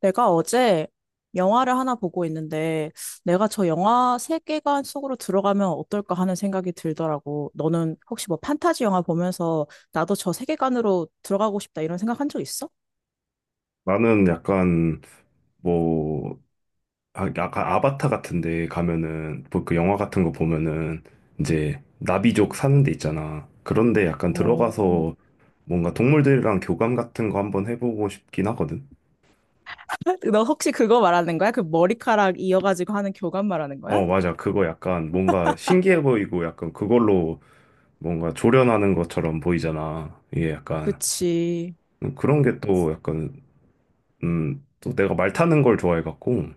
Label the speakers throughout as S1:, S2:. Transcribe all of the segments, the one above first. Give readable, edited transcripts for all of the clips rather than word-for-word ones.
S1: 내가 어제 영화를 하나 보고 있는데, 내가 저 영화 세계관 속으로 들어가면 어떨까 하는 생각이 들더라고. 너는 혹시 뭐 판타지 영화 보면서 나도 저 세계관으로 들어가고 싶다 이런 생각 한 적 있어?
S2: 나는 약간 뭐 약간 아바타 같은데 가면은 뭐그 영화 같은 거 보면은 이제 나비족 사는 데 있잖아. 그런데 약간
S1: 오.
S2: 들어가서 뭔가 동물들이랑 교감 같은 거 한번 해보고 싶긴 하거든.
S1: 너 혹시 그거 말하는 거야? 그 머리카락 이어가지고 하는 교감 말하는 거야?
S2: 어, 맞아. 그거 약간 뭔가 신기해 보이고 약간 그걸로 뭔가 조련하는 것처럼 보이잖아. 이게 약간
S1: 그치.
S2: 그런 게 또 약간 또 내가 말 타는 걸 좋아해 갖고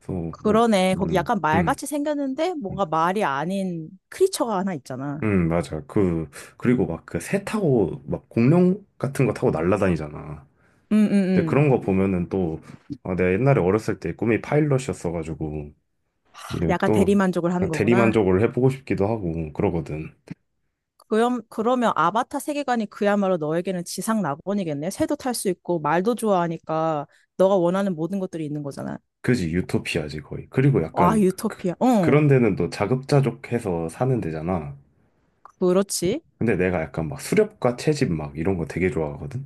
S2: 그래서 뭐
S1: 그러네. 거기
S2: 음,
S1: 약간
S2: 음.
S1: 말같이 생겼는데 뭔가 말이 아닌 크리처가 하나 있잖아.
S2: 맞아. 그, 그리고 막 그 새 타고 막 공룡 같은 거 타고 날라다니잖아.
S1: 응, 응,
S2: 근데
S1: 응.
S2: 그런 거 보면은 또, 아, 내가 옛날에 어렸을 때 꿈이 파일럿이었어가지고, 이제
S1: 약간
S2: 또
S1: 대리만족을 하는 거구나.
S2: 대리만족을 해보고 싶기도 하고 그러거든.
S1: 그럼, 그러면 아바타 세계관이 그야말로 너에게는 지상 낙원이겠네. 새도 탈 수 있고 말도 좋아하니까 너가 원하는 모든 것들이 있는 거잖아.
S2: 그지, 유토피아지 거의. 그리고
S1: 와,
S2: 약간 그,
S1: 유토피아. 응,
S2: 그런 데는 또 자급자족해서 사는 데잖아.
S1: 그렇지.
S2: 근데 내가 약간 막 수렵과 채집 막 이런 거 되게 좋아하거든.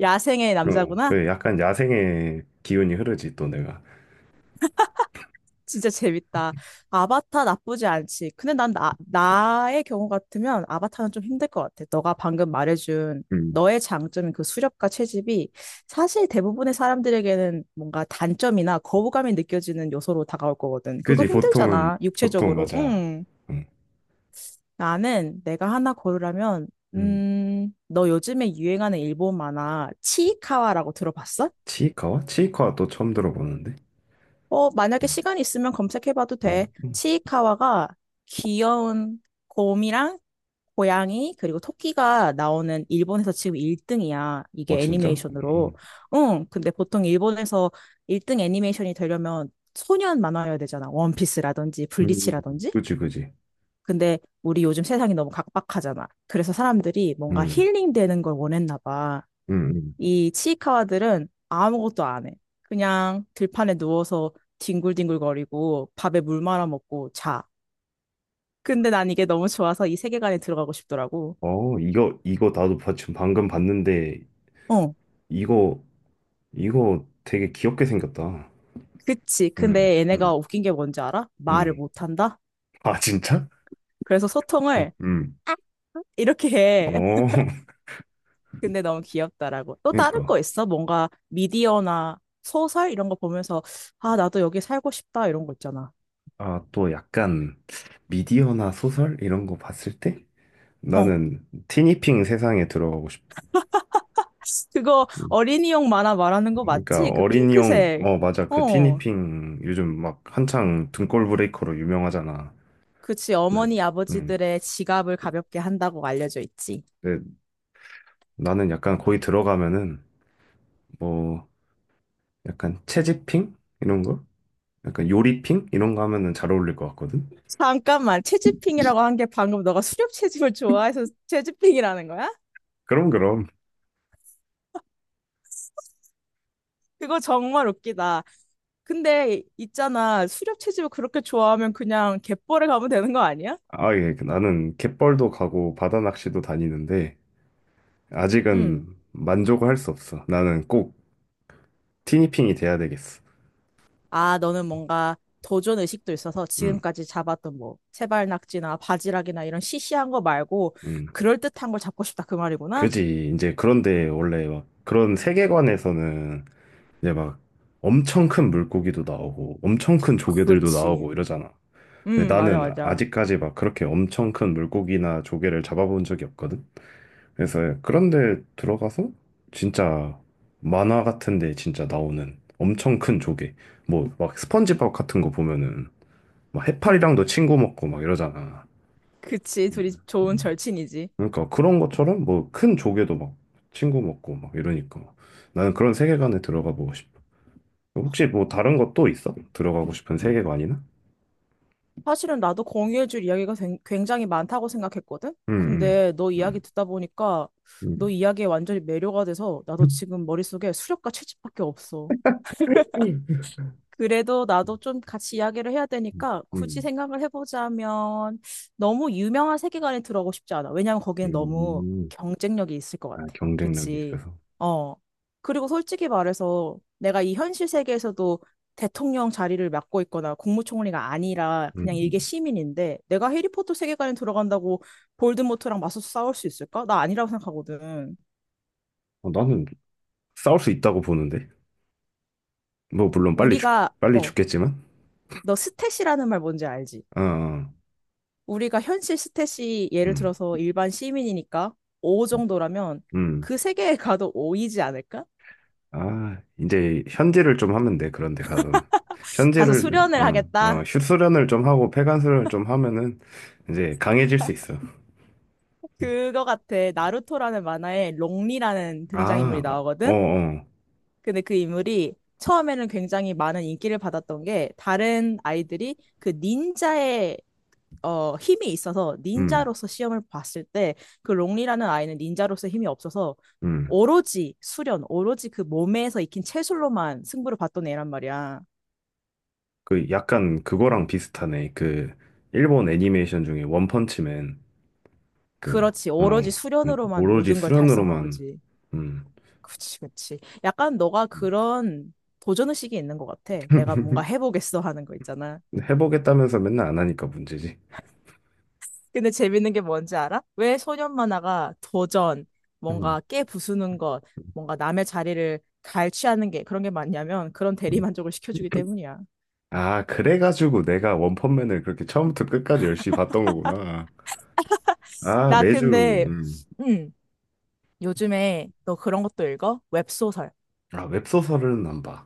S1: 야생의
S2: 어,
S1: 남자구나.
S2: 그 약간 야생의 기운이 흐르지 또 내가.
S1: 진짜 재밌다. 아바타 나쁘지 않지. 근데 나의 경우 같으면 아바타는 좀 힘들 것 같아. 너가 방금 말해준
S2: 음.
S1: 너의 장점인 그 수렵과 채집이 사실 대부분의 사람들에게는 뭔가 단점이나 거부감이 느껴지는 요소로 다가올 거거든. 그거
S2: 그지, 보통은,
S1: 힘들잖아,
S2: 보통
S1: 육체적으로.
S2: 맞아.
S1: 응.
S2: 음.
S1: 나는 내가 하나 고르라면,
S2: 음.
S1: 너 요즘에 유행하는 일본 만화 치이카와라고 들어봤어?
S2: 치이카와? 치이카와 또 처음 들어보는데.
S1: 어, 만약에
S2: 음.
S1: 시간 이 있으면 검색해봐도
S2: 어,
S1: 돼. 치이카와가 귀여운 곰이랑 고양이 그리고 토끼가 나오는 일본에서 지금 1등이야.
S2: 어,
S1: 이게
S2: 진짜? 음.
S1: 애니메이션으로.
S2: 음.
S1: 응, 근데 보통 일본에서 1등 애니메이션이 되려면 소년 만화여야 되잖아. 원피스라든지
S2: 음,
S1: 블리치라든지.
S2: 그지, 그지.
S1: 근데 우리 요즘 세상이 너무 각박하잖아. 그래서 사람들이 뭔가
S2: 음.
S1: 힐링되는 걸 원했나 봐.
S2: 음. 음.
S1: 이 치이카와들은 아무것도 안 해. 그냥 들판에 누워서 뒹굴뒹굴거리고 밥에 물 말아 먹고 자. 근데 난 이게 너무 좋아서 이 세계관에 들어가고 싶더라고.
S2: 어, 이거, 이거 나도 지금 방금 봤는데,
S1: 어,
S2: 이거, 이거 되게 귀엽게 생겼다.
S1: 그치.
S2: 음.
S1: 근데
S2: 음.
S1: 얘네가 웃긴 게 뭔지 알아? 말을
S2: 음.
S1: 못 한다?
S2: 아, 진짜?
S1: 그래서
S2: 음.
S1: 소통을
S2: 음.
S1: 이렇게 해.
S2: 어,
S1: 근데 너무 귀엽다라고. 또 다른
S2: 그러니까.
S1: 거 있어? 뭔가 미디어나 소설 이런 거 보면서 아, 나도 여기 살고 싶다 이런 거 있잖아.
S2: 아, 또 약간 미디어나 소설 이런 거 봤을 때?
S1: 어.
S2: 나는 티니핑 세상에 들어가고 싶어.
S1: 그거 어린이용 만화 말하는 거
S2: 그러니까
S1: 맞지? 그
S2: 어린이용
S1: 핑크색.
S2: 어 맞아 그
S1: 어.
S2: 티니핑 요즘 막 한창 등골 브레이커로 유명하잖아.
S1: 그치.
S2: 네.
S1: 어머니
S2: 음.
S1: 아버지들의 지갑을 가볍게 한다고 알려져 있지.
S2: 근데 나는 약간 거기 들어가면은 뭐 약간 채집핑 이런 거, 약간 요리핑 이런 거 하면은 잘 어울릴 것 같거든.
S1: 잠깐만. 채집핑이라고 한 게 방금 너가 수렵 채집을 좋아해서 채집핑이라는 거야?
S2: 그럼 그럼.
S1: 그거 정말 웃기다. 근데 있잖아. 수렵 채집을 그렇게 좋아하면 그냥 갯벌에 가면 되는 거 아니야?
S2: 아 예, 그 나는 갯벌도 가고 바다 낚시도 다니는데 아직은
S1: 응.
S2: 만족을 할 수 없어. 나는 꼭 티니핑이 돼야 되겠어.
S1: 아, 너는 뭔가 도전 의식도 있어서
S2: 음,
S1: 지금까지 잡았던 뭐 세발낙지나 바지락이나 이런 시시한 거 말고
S2: 음.
S1: 그럴듯한 걸 잡고 싶다 그 말이구나?
S2: 그지. 이제 그런데 원래 막 그런 세계관에서는 이제 막 엄청 큰 물고기도 나오고 엄청 큰 조개들도
S1: 그렇지.
S2: 나오고 이러잖아. 근데
S1: 응, 맞아,
S2: 나는
S1: 맞아.
S2: 아직까지 막 그렇게 엄청 큰 물고기나 조개를 잡아본 적이 없거든. 그래서 그런데 들어가서 진짜 만화 같은데 진짜 나오는 엄청 큰 조개. 뭐 막 스펀지밥 같은 거 보면은 막
S1: 응.
S2: 해파리랑도 친구 먹고 막 이러잖아.
S1: 그치, 둘이 좋은 절친이지.
S2: 그러니까 그런 것처럼 뭐 큰 조개도 막 친구 먹고 막 이러니까 나는 그런 세계관에 들어가 보고 싶어. 혹시 뭐 다른 것도 있어? 들어가고 싶은 세계관이나?
S1: 사실은 나도 공유해줄 굉장히 많다고 생각했거든?
S2: 음,
S1: 근데 너 이야기
S2: 음,
S1: 듣다 보니까 너
S2: 음,
S1: 이야기에 완전히 매료가 돼서 나도 지금 머릿속에 수렵과 채집밖에 없어.
S2: 음,
S1: 그래도 나도 좀 같이 이야기를 해야 되니까 굳이
S2: 음,
S1: 생각을 해보자면 너무 유명한 세계관에 들어가고 싶지 않아. 왜냐면 거기는 너무
S2: 음.
S1: 경쟁력이 있을 것
S2: 아,
S1: 같아.
S2: 경쟁력이
S1: 그치?
S2: 있어서.
S1: 어. 그리고 솔직히 말해서 내가 이 현실 세계에서도 대통령 자리를 맡고 있거나 국무총리가 아니라
S2: 음.
S1: 그냥 일개
S2: 음.
S1: 시민인데 내가 해리포터 세계관에 들어간다고 볼드모트랑 맞서서 싸울 수 있을까? 나 아니라고 생각하거든.
S2: 어, 나는 싸울 수 있다고 보는데. 뭐, 물론 빨리 죽,
S1: 우리가
S2: 빨리
S1: 어,
S2: 죽겠지만.
S1: 너 스탯이라는 말 뭔지 알지?
S2: 어, 어,
S1: 우리가 현실 스탯이 예를
S2: 음,
S1: 들어서 일반 시민이니까 5 정도라면
S2: 음.
S1: 그 세계에 가도 5이지 않을까?
S2: 아, 이제 현질을 좀 하면 돼, 그런데 가서는.
S1: 가서
S2: 현질을,
S1: 수련을
S2: 어, 어,
S1: 하겠다.
S2: 슛수련을 좀 하고 폐관수련을 좀 하면은 이제 강해질 수 있어.
S1: 그거 같아. 나루토라는 만화에 롱리라는
S2: 아,
S1: 등장인물이
S2: 어, 어,
S1: 나오거든.
S2: 어.
S1: 근데 그 인물이 처음에는 굉장히 많은 인기를 받았던 게 다른 아이들이 그 닌자의 힘이 있어서
S2: 음,
S1: 닌자로서 시험을 봤을 때 그 롱리라는 아이는 닌자로서 힘이 없어서
S2: 음.
S1: 오로지 수련, 오로지 그 몸에서 익힌 체술로만 승부를 봤던 애란 말이야.
S2: 그 약간 그거랑 비슷하네. 그 일본 애니메이션 중에 원펀치맨 그
S1: 그렇지.
S2: 어,
S1: 오로지 수련으로만
S2: 오로지
S1: 모든 걸 달성한
S2: 수련으로만
S1: 거지.
S2: 음.
S1: 그치, 그치. 약간 너가 그런 도전 의식이 있는 것 같아. 내가 뭔가 해보겠어 하는 거 있잖아.
S2: 해보겠다면서 맨날 안 하니까 문제지.
S1: 근데 재밌는 게 뭔지 알아? 왜 소년 만화가 도전,
S2: 음.
S1: 뭔가 깨 부수는 것, 뭔가 남의 자리를 갈취하는 게 그런 게 많냐면 그런
S2: 음.
S1: 대리만족을 시켜주기 때문이야.
S2: 아, 그래가지고 내가 원펀맨을 그렇게 처음부터 끝까지 열심히 봤던 거구나. 아,
S1: 나
S2: 매주
S1: 근데,
S2: 음.
S1: 음, 요즘에 너 그런 것도 읽어? 웹소설.
S2: 아, 웹소설은 안 봐.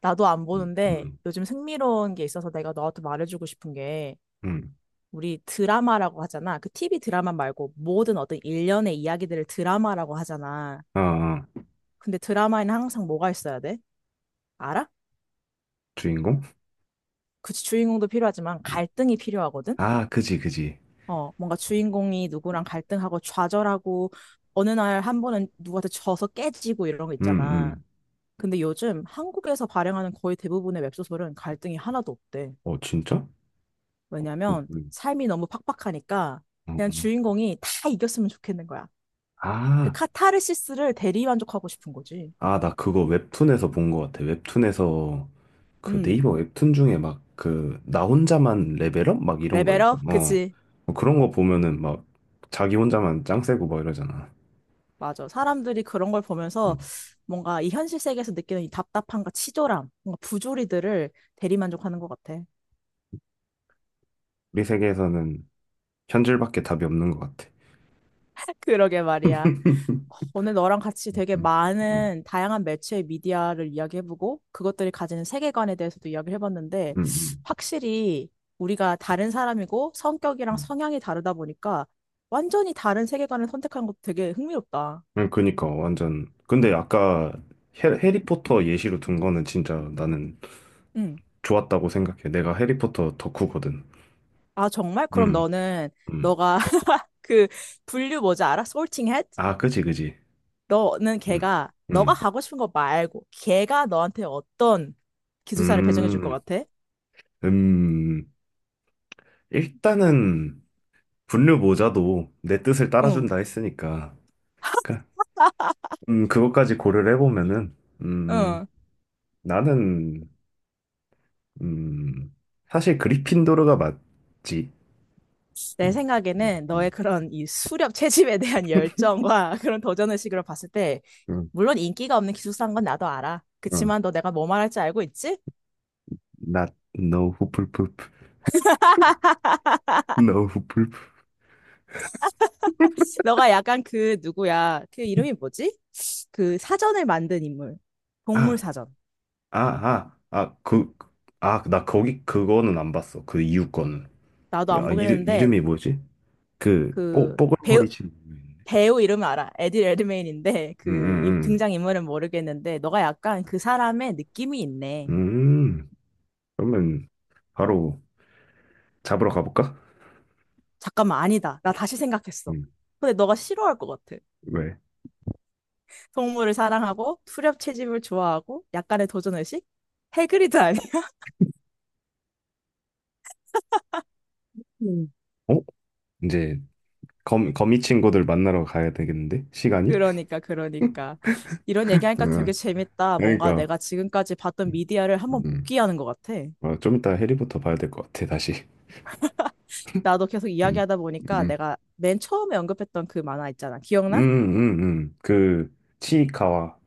S1: 나도 안
S2: 음.
S1: 보는데
S2: 음.
S1: 요즘 흥미로운 게 있어서 내가 너한테 말해주고 싶은 게
S2: 음.
S1: 우리 드라마라고 하잖아. 그 TV 드라마 말고 모든 어떤 일련의 이야기들을 드라마라고 하잖아.
S2: 아, 아.
S1: 근데 드라마에는 항상 뭐가 있어야 돼? 알아?
S2: 주인공?
S1: 그치, 주인공도 필요하지만
S2: 음.
S1: 갈등이 필요하거든?
S2: 아, 그지, 그지.
S1: 어, 뭔가 주인공이 누구랑 갈등하고 좌절하고 어느 날 한 번은 누구한테 져서 깨지고 이런 거
S2: 음,
S1: 있잖아.
S2: 음.
S1: 근데 요즘 한국에서 발행하는 거의 대부분의 웹소설은 갈등이 하나도 없대.
S2: 어, 진짜? 그,
S1: 왜냐면 삶이 너무 팍팍하니까
S2: 어.
S1: 그냥 주인공이 다 이겼으면 좋겠는 거야. 그
S2: 아,
S1: 카타르시스를 대리만족하고 싶은 거지.
S2: 아, 나 그거 웹툰에서 본 것 같아. 웹툰에서 그
S1: 음,
S2: 네이버 웹툰 중에 막 그 나 혼자만 레벨업 막 이런 거 있거든.
S1: 레벨업?
S2: 어.
S1: 그치.
S2: 뭐 그런 거 보면은 막 자기 혼자만 짱 세고 막 이러잖아.
S1: 맞아. 사람들이 그런 걸 보면서
S2: 음.
S1: 뭔가 이 현실 세계에서 느끼는 이 답답함과 치졸함, 뭔가 부조리들을 대리만족하는 것 같아.
S2: 우리 세계에서는 현질밖에 답이 없는 것 같아.
S1: 그러게 말이야. 오늘 너랑 같이
S2: 음,
S1: 되게
S2: 음, 음,
S1: 많은 다양한 매체의 미디어를 이야기해보고 그것들이 가지는 세계관에 대해서도 이야기를 해봤는데
S2: 음,
S1: 확실히 우리가 다른 사람이고 성격이랑
S2: 음.
S1: 성향이 다르다 보니까 완전히 다른 세계관을 선택한 것도 되게 흥미롭다.
S2: 그니까 완전 근데 아까 해리포터 예시로 든 거는 진짜 나는
S1: 응.
S2: 좋았다고 생각해. 내가 해리포터 덕후거든.
S1: 아, 정말? 그럼
S2: 음,
S1: 너는
S2: 음.
S1: 너가 그 분류 뭐지 알아? Sorting Hat?
S2: 아, 그지, 그지.
S1: 너는
S2: 음,
S1: 걔가 너가
S2: 음.
S1: 가고 싶은 거 말고 걔가 너한테 어떤 기숙사를 배정해 줄 것
S2: 음,
S1: 같아?
S2: 음, 일단은 분류 모자도 내 뜻을
S1: 응,
S2: 따라준다 했으니까, 그, 그것까지 고려를 해보면은, 음,
S1: 응.
S2: 나는, 음, 사실 그리핀도르가 맞지.
S1: 내
S2: 음, 음,
S1: 생각에는 너의
S2: 음,
S1: 그런 이 수렵 채집에 대한 열정과 그런 도전의식으로 봤을 때,
S2: 음,
S1: 물론 인기가 없는 기숙사인 건 나도 알아.
S2: 음.
S1: 그치만 너 내가 뭐 말할지 알고 있지?
S2: Not, no, 후플프프, no, 후플프.
S1: 너가 약간 그 누구야? 그 이름이 뭐지? 그 사전을 만든 인물. 동물
S2: 아,
S1: 사전.
S2: 아, 아, 아, 그, 아, 나 거기, 그거는 안 봤어. 그 이유 거는.
S1: 나도
S2: 그,
S1: 안
S2: 아,
S1: 보긴
S2: 이름,
S1: 했는데,
S2: 이름이 뭐지? 그, 뽀,
S1: 그 배우,
S2: 뽀글머리 친구. 있는데.
S1: 배우 이름은 알아. 에디 레드메인인데
S2: 응, 응,
S1: 등장인물은 모르겠는데 너가 약간 그 사람의 느낌이 있네.
S2: 음, 그러면 바로 잡으러 가볼까?
S1: 잠깐만 아니다. 나 다시 생각했어.
S2: 음,
S1: 근데 너가 싫어할 것 같아.
S2: 왜?
S1: 동물을 사랑하고 투렵 채집을 좋아하고 약간의 도전의식? 해그리드 아니?
S2: 음. 어? 이제 거미, 거미 친구들 만나러 가야 되겠는데? 시간이?
S1: 그러니까 그러니까. 이런 얘기하니까 되게
S2: 응,
S1: 재밌다. 뭔가
S2: 그러니까.
S1: 내가 지금까지 봤던
S2: 음,
S1: 미디어를 한번
S2: 음.
S1: 복귀하는 것 같아.
S2: 아, 좀 이따 해리부터 봐야 될 것 같아, 다시.
S1: 나도 계속
S2: 음,
S1: 이야기하다 보니까
S2: 음,
S1: 내가 맨 처음에 언급했던 그 만화 있잖아. 기억나?
S2: 그, 치이카와,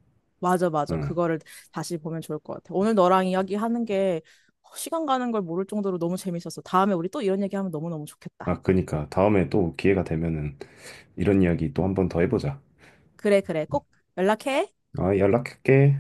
S1: 맞아, 맞아.
S2: 응.
S1: 그거를 다시 보면 좋을 것 같아. 오늘 너랑 이야기하는 게 시간 가는 걸 모를 정도로 너무 재밌었어. 다음에 우리 또 이런 얘기하면 너무너무 좋겠다.
S2: 아, 그니까. 다음에 또 기회가 되면은 이런 이야기 또 한번 더 해보자.
S1: 그래, 그래. 꼭 연락해.
S2: 아, 연락할게.